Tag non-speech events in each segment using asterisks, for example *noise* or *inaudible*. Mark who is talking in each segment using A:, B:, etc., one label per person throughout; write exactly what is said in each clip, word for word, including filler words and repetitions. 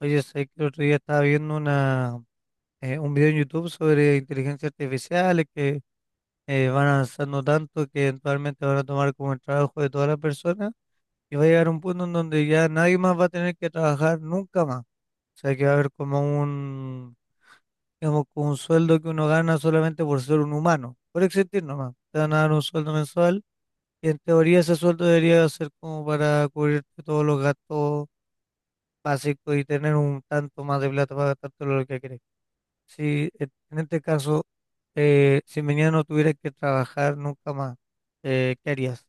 A: Oye, sé que el otro día estaba viendo una, eh, un video en YouTube sobre inteligencia artificial que eh, van avanzando tanto que eventualmente van a tomar como el trabajo de todas las personas y va a llegar un punto en donde ya nadie más va a tener que trabajar nunca más. O sea, que va a haber como un, digamos, como un sueldo que uno gana solamente por ser un humano, por existir nomás. Te van a dar un sueldo mensual y en teoría ese sueldo debería ser como para cubrirte todos los gastos básicos y tener un tanto más de plata para gastarte lo que querés. si eh, en este caso, eh, si mañana no tuvieras que trabajar nunca más, eh, ¿qué harías?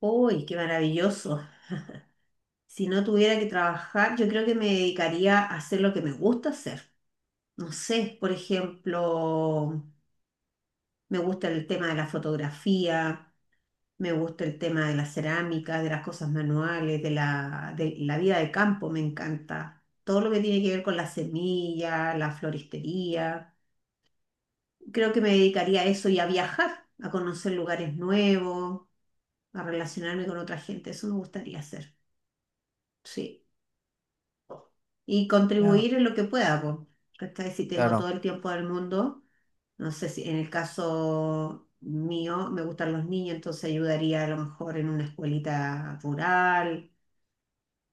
B: Uy, qué maravilloso. Si no tuviera que trabajar, yo creo que me dedicaría a hacer lo que me gusta hacer. No sé, por ejemplo, me gusta el tema de la fotografía, me gusta el tema de las cerámicas, de las cosas manuales, de la, de la vida de campo, me encanta. Todo lo que tiene que ver con la semilla, la floristería. Creo que me dedicaría a eso y a viajar, a conocer lugares nuevos, a relacionarme con otra gente. Eso me gustaría hacer. Sí. Y
A: Ya,
B: contribuir en lo que pueda, po, ¿cachai? Si tengo
A: claro,
B: todo el tiempo del mundo, no sé, si en el caso mío me gustan los niños, entonces ayudaría a lo mejor en una escuelita rural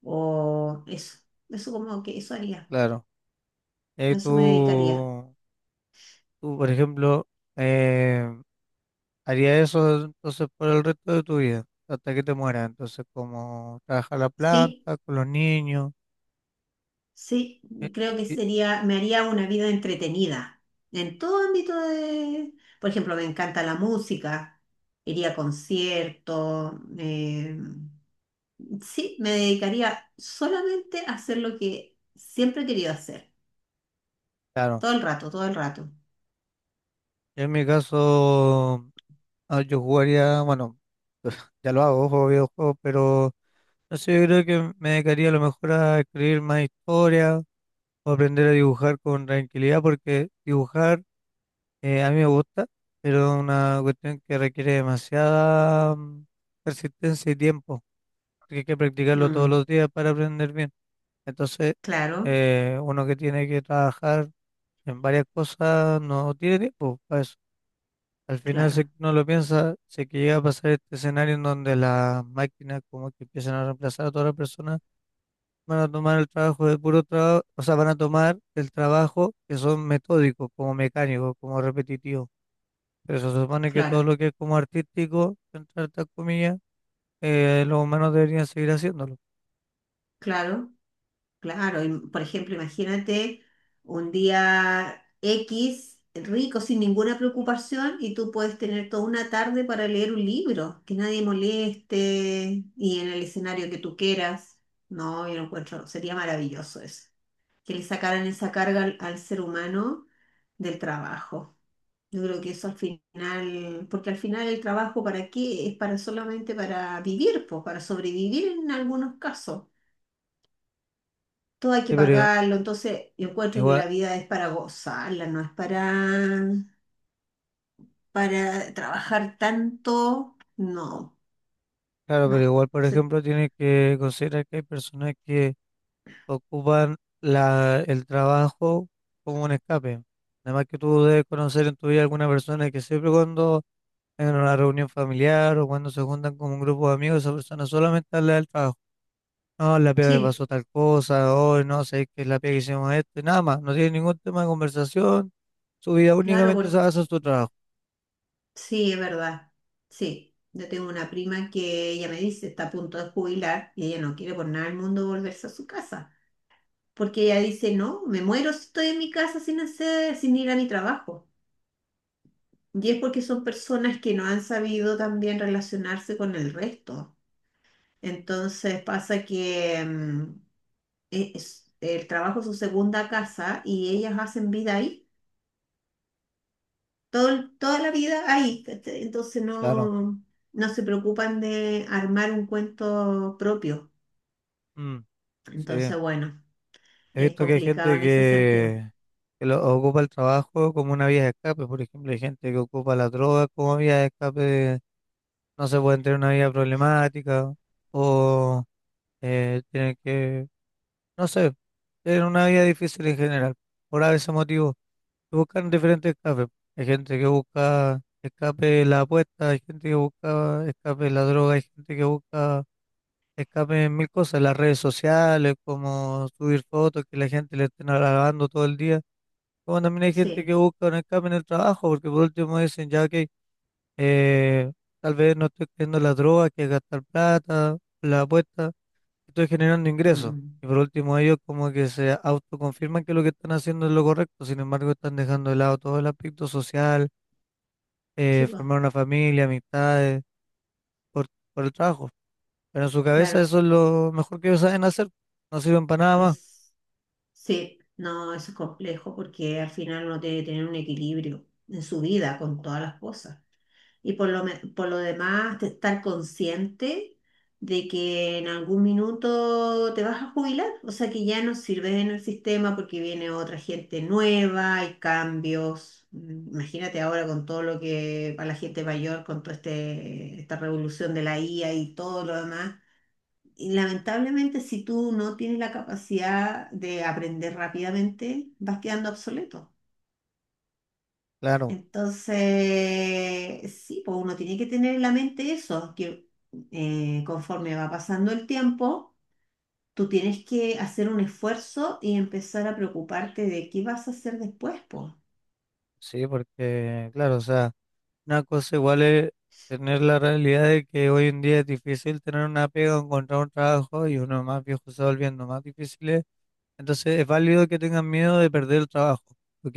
B: o eso, eso como que eso haría,
A: claro. Eh,
B: a eso me dedicaría.
A: tú, tú, por ejemplo, eh, harías eso entonces por el resto de tu vida, hasta que te mueras. Entonces, como trabajar la
B: Sí,
A: planta, con los niños,
B: sí,
A: eh, eh,
B: creo que
A: eh,
B: sería, me haría una vida entretenida en todo ámbito de, por ejemplo, me encanta la música, iría a conciertos, eh, sí, me dedicaría solamente a hacer lo que siempre he querido hacer,
A: claro.
B: todo el rato, todo el rato.
A: Yo en mi caso, ah, yo jugaría, bueno, *laughs* ya lo hago, juego videojuegos, pero no sé, yo creo que me dedicaría a lo mejor a escribir más historias o aprender a dibujar con tranquilidad, porque dibujar eh, a mí me gusta, pero es una cuestión que requiere demasiada mm, persistencia y tiempo, que hay que practicarlo todos
B: Mm,
A: los días para aprender bien. Entonces,
B: claro,
A: eh, uno que tiene que trabajar en varias cosas no tiene tiempo para eso. Al final, si
B: claro,
A: uno lo piensa, si es que llega a pasar este escenario en donde las máquinas como que empiezan a reemplazar a todas las personas, van a tomar el trabajo de puro trabajo, o sea, van a tomar el trabajo que son metódicos, como mecánicos, como repetitivos. Pero se supone que todo
B: claro,
A: lo que es como artístico, entre hartas comillas, eh, los humanos deberían seguir haciéndolo.
B: claro, claro. Y, por ejemplo, imagínate un día equis rico, sin ninguna preocupación, y tú puedes tener toda una tarde para leer un libro, que nadie moleste y en el escenario que tú quieras. No, yo lo encuentro, sería maravilloso eso, que le sacaran esa carga al al ser humano del trabajo. Yo creo que eso al final, porque al final el trabajo para qué es, para solamente para vivir, pues, para sobrevivir en algunos casos. Todo hay que
A: Sí, pero
B: pagarlo, entonces yo encuentro que
A: igual,
B: la vida es para gozarla, no es para, para trabajar tanto. No,
A: claro, pero
B: no.
A: igual, por
B: Se-
A: ejemplo, tienes que considerar que hay personas que ocupan la, el trabajo como un escape. Además que tú debes conocer en tu vida alguna persona que siempre cuando en una reunión familiar o cuando se juntan con un grupo de amigos, esa persona solamente habla del trabajo. No, la pega me
B: Sí,
A: pasó tal cosa, hoy no sé qué es la pega que hicimos esto, y nada más, no tiene ningún tema de conversación, su vida
B: claro,
A: únicamente se
B: por,
A: basa en su trabajo,
B: sí, es verdad. Sí, yo tengo una prima que ella me dice, está a punto de jubilar y ella no quiere por nada del mundo volverse a su casa. Porque ella dice, no, me muero si estoy en mi casa sin hacer, sin ir a mi trabajo. Y es porque son personas que no han sabido también relacionarse con el resto. Entonces pasa que mm, e, es- el trabajo es su segunda casa y ellas hacen vida ahí, todo, el- toda la vida ahí. ¿Cachai? Entonces
A: claro.
B: no, no se preocupan de armar un cuento propio.
A: Mm, sí,
B: Entonces, bueno,
A: he
B: es
A: visto que hay
B: complicado
A: gente
B: en ese sentido.
A: que, que lo, ocupa el trabajo como una vía de escape. Por ejemplo, hay gente que ocupa la droga como vía de escape, de no se pueden tener una vida problemática, o eh, tienen que, no sé, tener una vida difícil en general, por ese motivo. Buscan diferentes escapes. Hay gente que busca escape de la apuesta, hay gente que busca escape de la droga, hay gente que busca escape en mil cosas, las redes sociales, como subir fotos que la gente le estén alabando todo el día. Como también hay gente
B: Sí.
A: que busca un escape en el trabajo, porque por último dicen, ya que eh, tal vez no estoy creyendo en la droga, que es gastar plata, la apuesta estoy generando ingresos.
B: Mm.
A: Y por último, ellos como que se autoconfirman que lo que están haciendo es lo correcto, sin embargo, están dejando de lado todo el aspecto social,
B: Sí,
A: eh,
B: pues,
A: formar una familia, amistades, por, por el trabajo. Pero en su cabeza
B: claro.
A: eso es lo mejor que ellos saben hacer, no sirven para nada más.
B: Es, sí, no, eso es complejo porque al final uno tiene que tener un equilibrio en su vida con todas las cosas. Y por lo, me- por lo demás, de estar consciente de que en algún minuto te vas a jubilar, o sea que ya no sirves en el sistema porque viene otra gente nueva, hay cambios. Mm. Imagínate ahora con todo lo que para la gente mayor, con toda este, esta revolución de la I A y todo lo demás, y lamentablemente, si tú no tienes la capacidad de aprender rápidamente, vas quedando obsoleto.
A: Claro,
B: Entonces, sí, pues uno tiene que tener en la mente eso, que eh, conforme va pasando el tiempo, tú tienes que hacer un esfuerzo y empezar a preocuparte de qué vas a hacer después, pues.
A: sí, porque, claro, o sea, una cosa igual es tener la realidad de que hoy en día es difícil tener una pega, o encontrar un trabajo y uno más viejo se va volviendo más difícil. Entonces es válido que tengan miedo de perder el trabajo. Ok,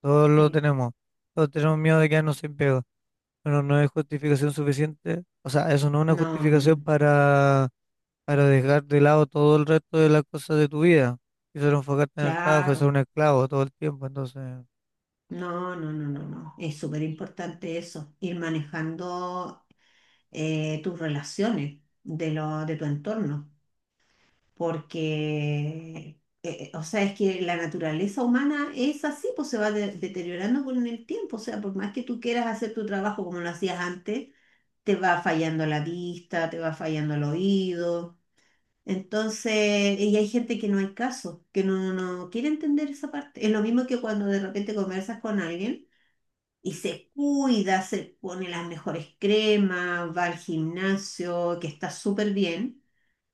A: todos lo
B: Sí.
A: tenemos. Todos tenemos miedo de quedarnos sin pega. Pero no es justificación suficiente. O sea, eso no es una
B: No,
A: justificación
B: mm,
A: para, para dejar de lado todo el resto de las cosas de tu vida. Y solo enfocarte en el trabajo, es ser un
B: claro.
A: esclavo todo el tiempo. Entonces,
B: No, no, no, no, no. Es súper importante eso, ir manejando eh, tus relaciones, de, lo, de tu entorno, porque, eh, o sea, es que la naturaleza humana es así, pues se va de- deteriorando con el tiempo, o sea, por más que tú quieras hacer tu trabajo como lo hacías antes, te va fallando la vista, te va fallando el oído. Entonces, y hay gente que no hay caso, que no, no no quiere entender esa parte. Es lo mismo que cuando de repente conversas con alguien y se cuida, se pone las mejores cremas, va al gimnasio, que está súper bien,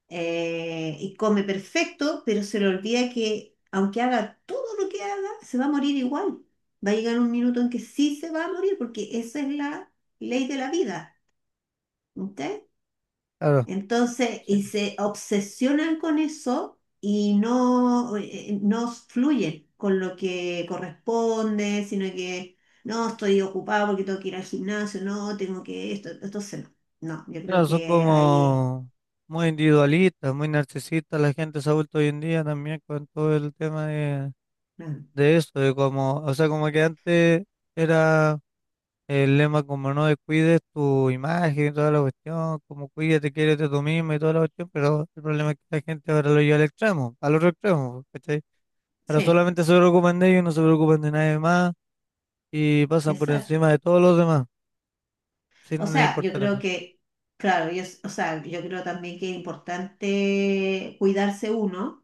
B: eh, y come perfecto, pero se le olvida que aunque haga todo lo que haga, se va a morir igual. Va a llegar un minuto en que sí se va a morir, porque esa es la ley de la vida. ¿Ok?
A: claro,
B: Entonces,
A: sí.
B: y se obsesionan con eso y no, eh, eh, no fluyen con lo que corresponde, sino que no, estoy ocupado porque tengo que ir al gimnasio, no, tengo que esto. Entonces, no, no, yo creo
A: Claro, son
B: que ahí,
A: como muy individualistas, muy narcisistas. La gente se ha vuelto hoy en día también con todo el tema de,
B: no.
A: de eso, de como, o sea, como que antes era el lema como no descuides tu imagen y toda la cuestión, como cuídate, quiérete tú mismo y toda la cuestión, pero el problema es que la gente ahora lo lleva al extremo, al otro extremo, ¿cachai? Ahora
B: Sí,
A: solamente se preocupan de ellos, no se preocupan de nadie más y pasan por
B: exacto.
A: encima de todos los demás,
B: O
A: sin
B: sea, yo
A: importar
B: creo
A: nada.
B: que, claro, yo, o sea, yo creo también que es importante cuidarse uno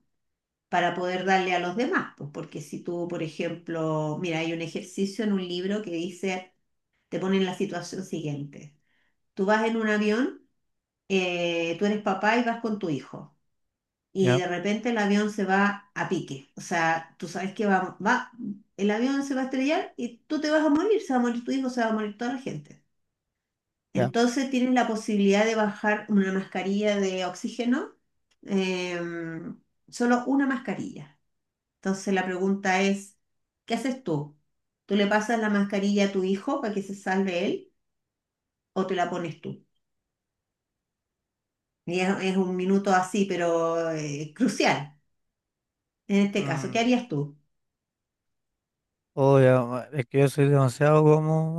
B: para poder darle a los demás, pues, porque si tú, por ejemplo, mira, hay un ejercicio en un libro que dice, te pone en la situación siguiente. Tú vas en un avión, eh, tú eres papá y vas con tu hijo, y
A: Ya,
B: de repente el avión se va a pique. O sea, tú sabes que va, va, el avión se va a estrellar y tú te vas a morir, se va a morir tu hijo, se va a morir toda la gente.
A: ya.
B: Entonces tienes la posibilidad de bajar una mascarilla de oxígeno, eh, solo una mascarilla. Entonces la pregunta es, ¿qué haces tú? ¿Tú le pasas la mascarilla a tu hijo para que se salve él o te la pones tú? Y es, es un minuto así, pero eh, crucial. En este caso,
A: Mm.
B: ¿qué harías tú?
A: Oh, ya, ma- es que yo soy demasiado como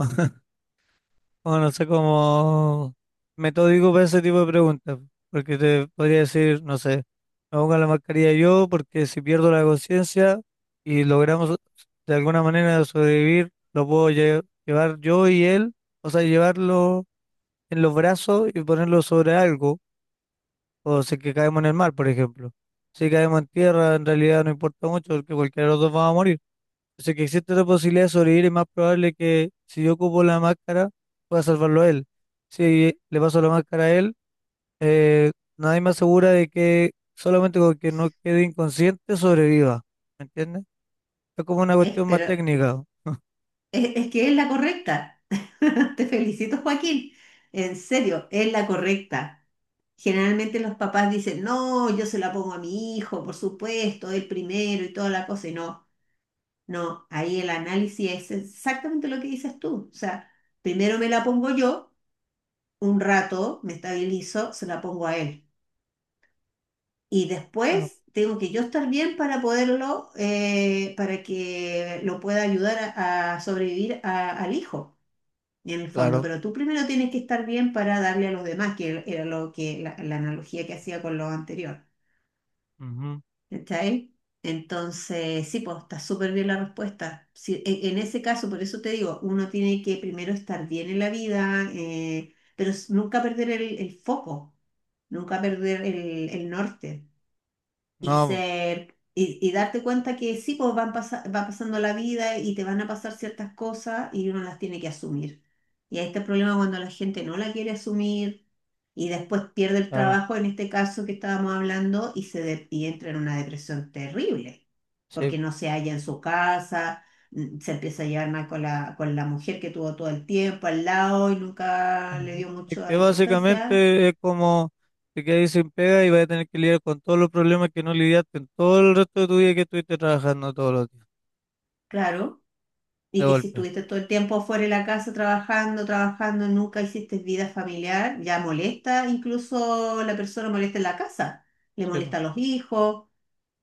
A: o no sé cómo metódico para ese tipo de preguntas, porque te podría decir, no sé, me pongo la mascarilla yo porque si pierdo la conciencia y logramos de alguna manera sobrevivir, lo puedo lle- llevar yo y él, o sea, llevarlo en los brazos y ponerlo sobre algo, o si es que caemos en el mar, por ejemplo. Si caemos en tierra, en realidad no importa mucho porque cualquiera de los dos va a morir. O que existe otra posibilidad de sobrevivir y más probable que si yo ocupo la máscara, pueda salvarlo a él. Si le paso la máscara a él, eh, nadie me asegura de que solamente con que no quede inconsciente sobreviva. ¿Me entiendes? Es como una
B: Es,
A: cuestión más
B: pero
A: técnica. *laughs*
B: es, es que es la correcta. *laughs* Te felicito, Joaquín. En serio, es la correcta. Generalmente los papás dicen, no, yo se la pongo a mi hijo, por supuesto, el primero y toda la cosa. Y no, no, ahí el análisis es exactamente lo que dices tú. O sea, primero me la pongo yo, un rato me estabilizo, se la pongo a él. Y
A: Claro.
B: después tengo que yo estar bien para poderlo, eh, para que lo pueda ayudar a, a sobrevivir a- al hijo, en el fondo.
A: Claro.
B: Pero tú primero tienes que estar bien para darle a los demás, que era lo que la, la analogía que hacía con lo anterior.
A: Ujú.
B: ¿Cachai? Entonces, sí, pues está súper bien la respuesta. Sí, en, en ese caso, por eso te digo, uno tiene que primero estar bien en la vida, eh, pero s- nunca perder el, el foco, nunca perder el el norte y
A: No,
B: ser y, y darte cuenta que sí, pues van pasa- va pasando la vida y te van a pasar ciertas cosas y uno las tiene que asumir. Y ahí está el problema cuando la gente no la quiere asumir y después pierde el
A: claro.
B: trabajo, en este caso que estábamos hablando, y, se de- y entra en una depresión terrible,
A: Sí.
B: porque no se halla en su casa, mm, se empieza a llevar mal con la, con la mujer que tuvo todo el tiempo al lado y nunca le
A: Ujú.
B: dio
A: Es que
B: mucha importancia,
A: básicamente es como te quedas ahí sin pega y vas a tener que lidiar con todos los problemas que no lidiaste en todo el resto de tu vida que estuviste trabajando todos los días,
B: claro.
A: de
B: Y que si
A: golpe.
B: estuviste todo el tiempo fuera de la casa trabajando, trabajando, nunca hiciste vida familiar, ya molesta, incluso la persona molesta en la casa, le
A: Sí, po.
B: molesta a los hijos,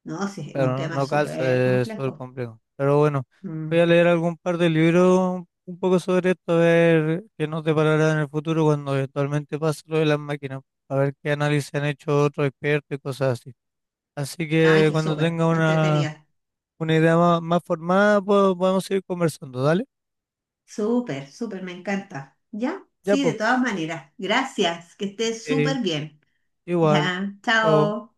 B: ¿no? Sí, es
A: Pero
B: un
A: no,
B: tema
A: no calza,
B: súper
A: es súper
B: complejo.
A: complejo. Pero bueno, voy a
B: Mm.
A: leer algún par de libros un poco sobre esto, a ver qué nos deparará en el futuro cuando eventualmente pase lo de las máquinas, a ver qué análisis han hecho otros expertos y cosas así. Así
B: Ay,
A: que
B: qué
A: cuando
B: súper,
A: tenga una,
B: entretenida.
A: una idea más, más formada, pues, podemos seguir conversando, ¿dale?
B: Súper, súper, me encanta. ¿Ya?
A: Ya,
B: Sí, de
A: pues,
B: todas maneras. Gracias, que estés
A: ok,
B: súper bien.
A: igual,
B: Ya,
A: chao.
B: chao.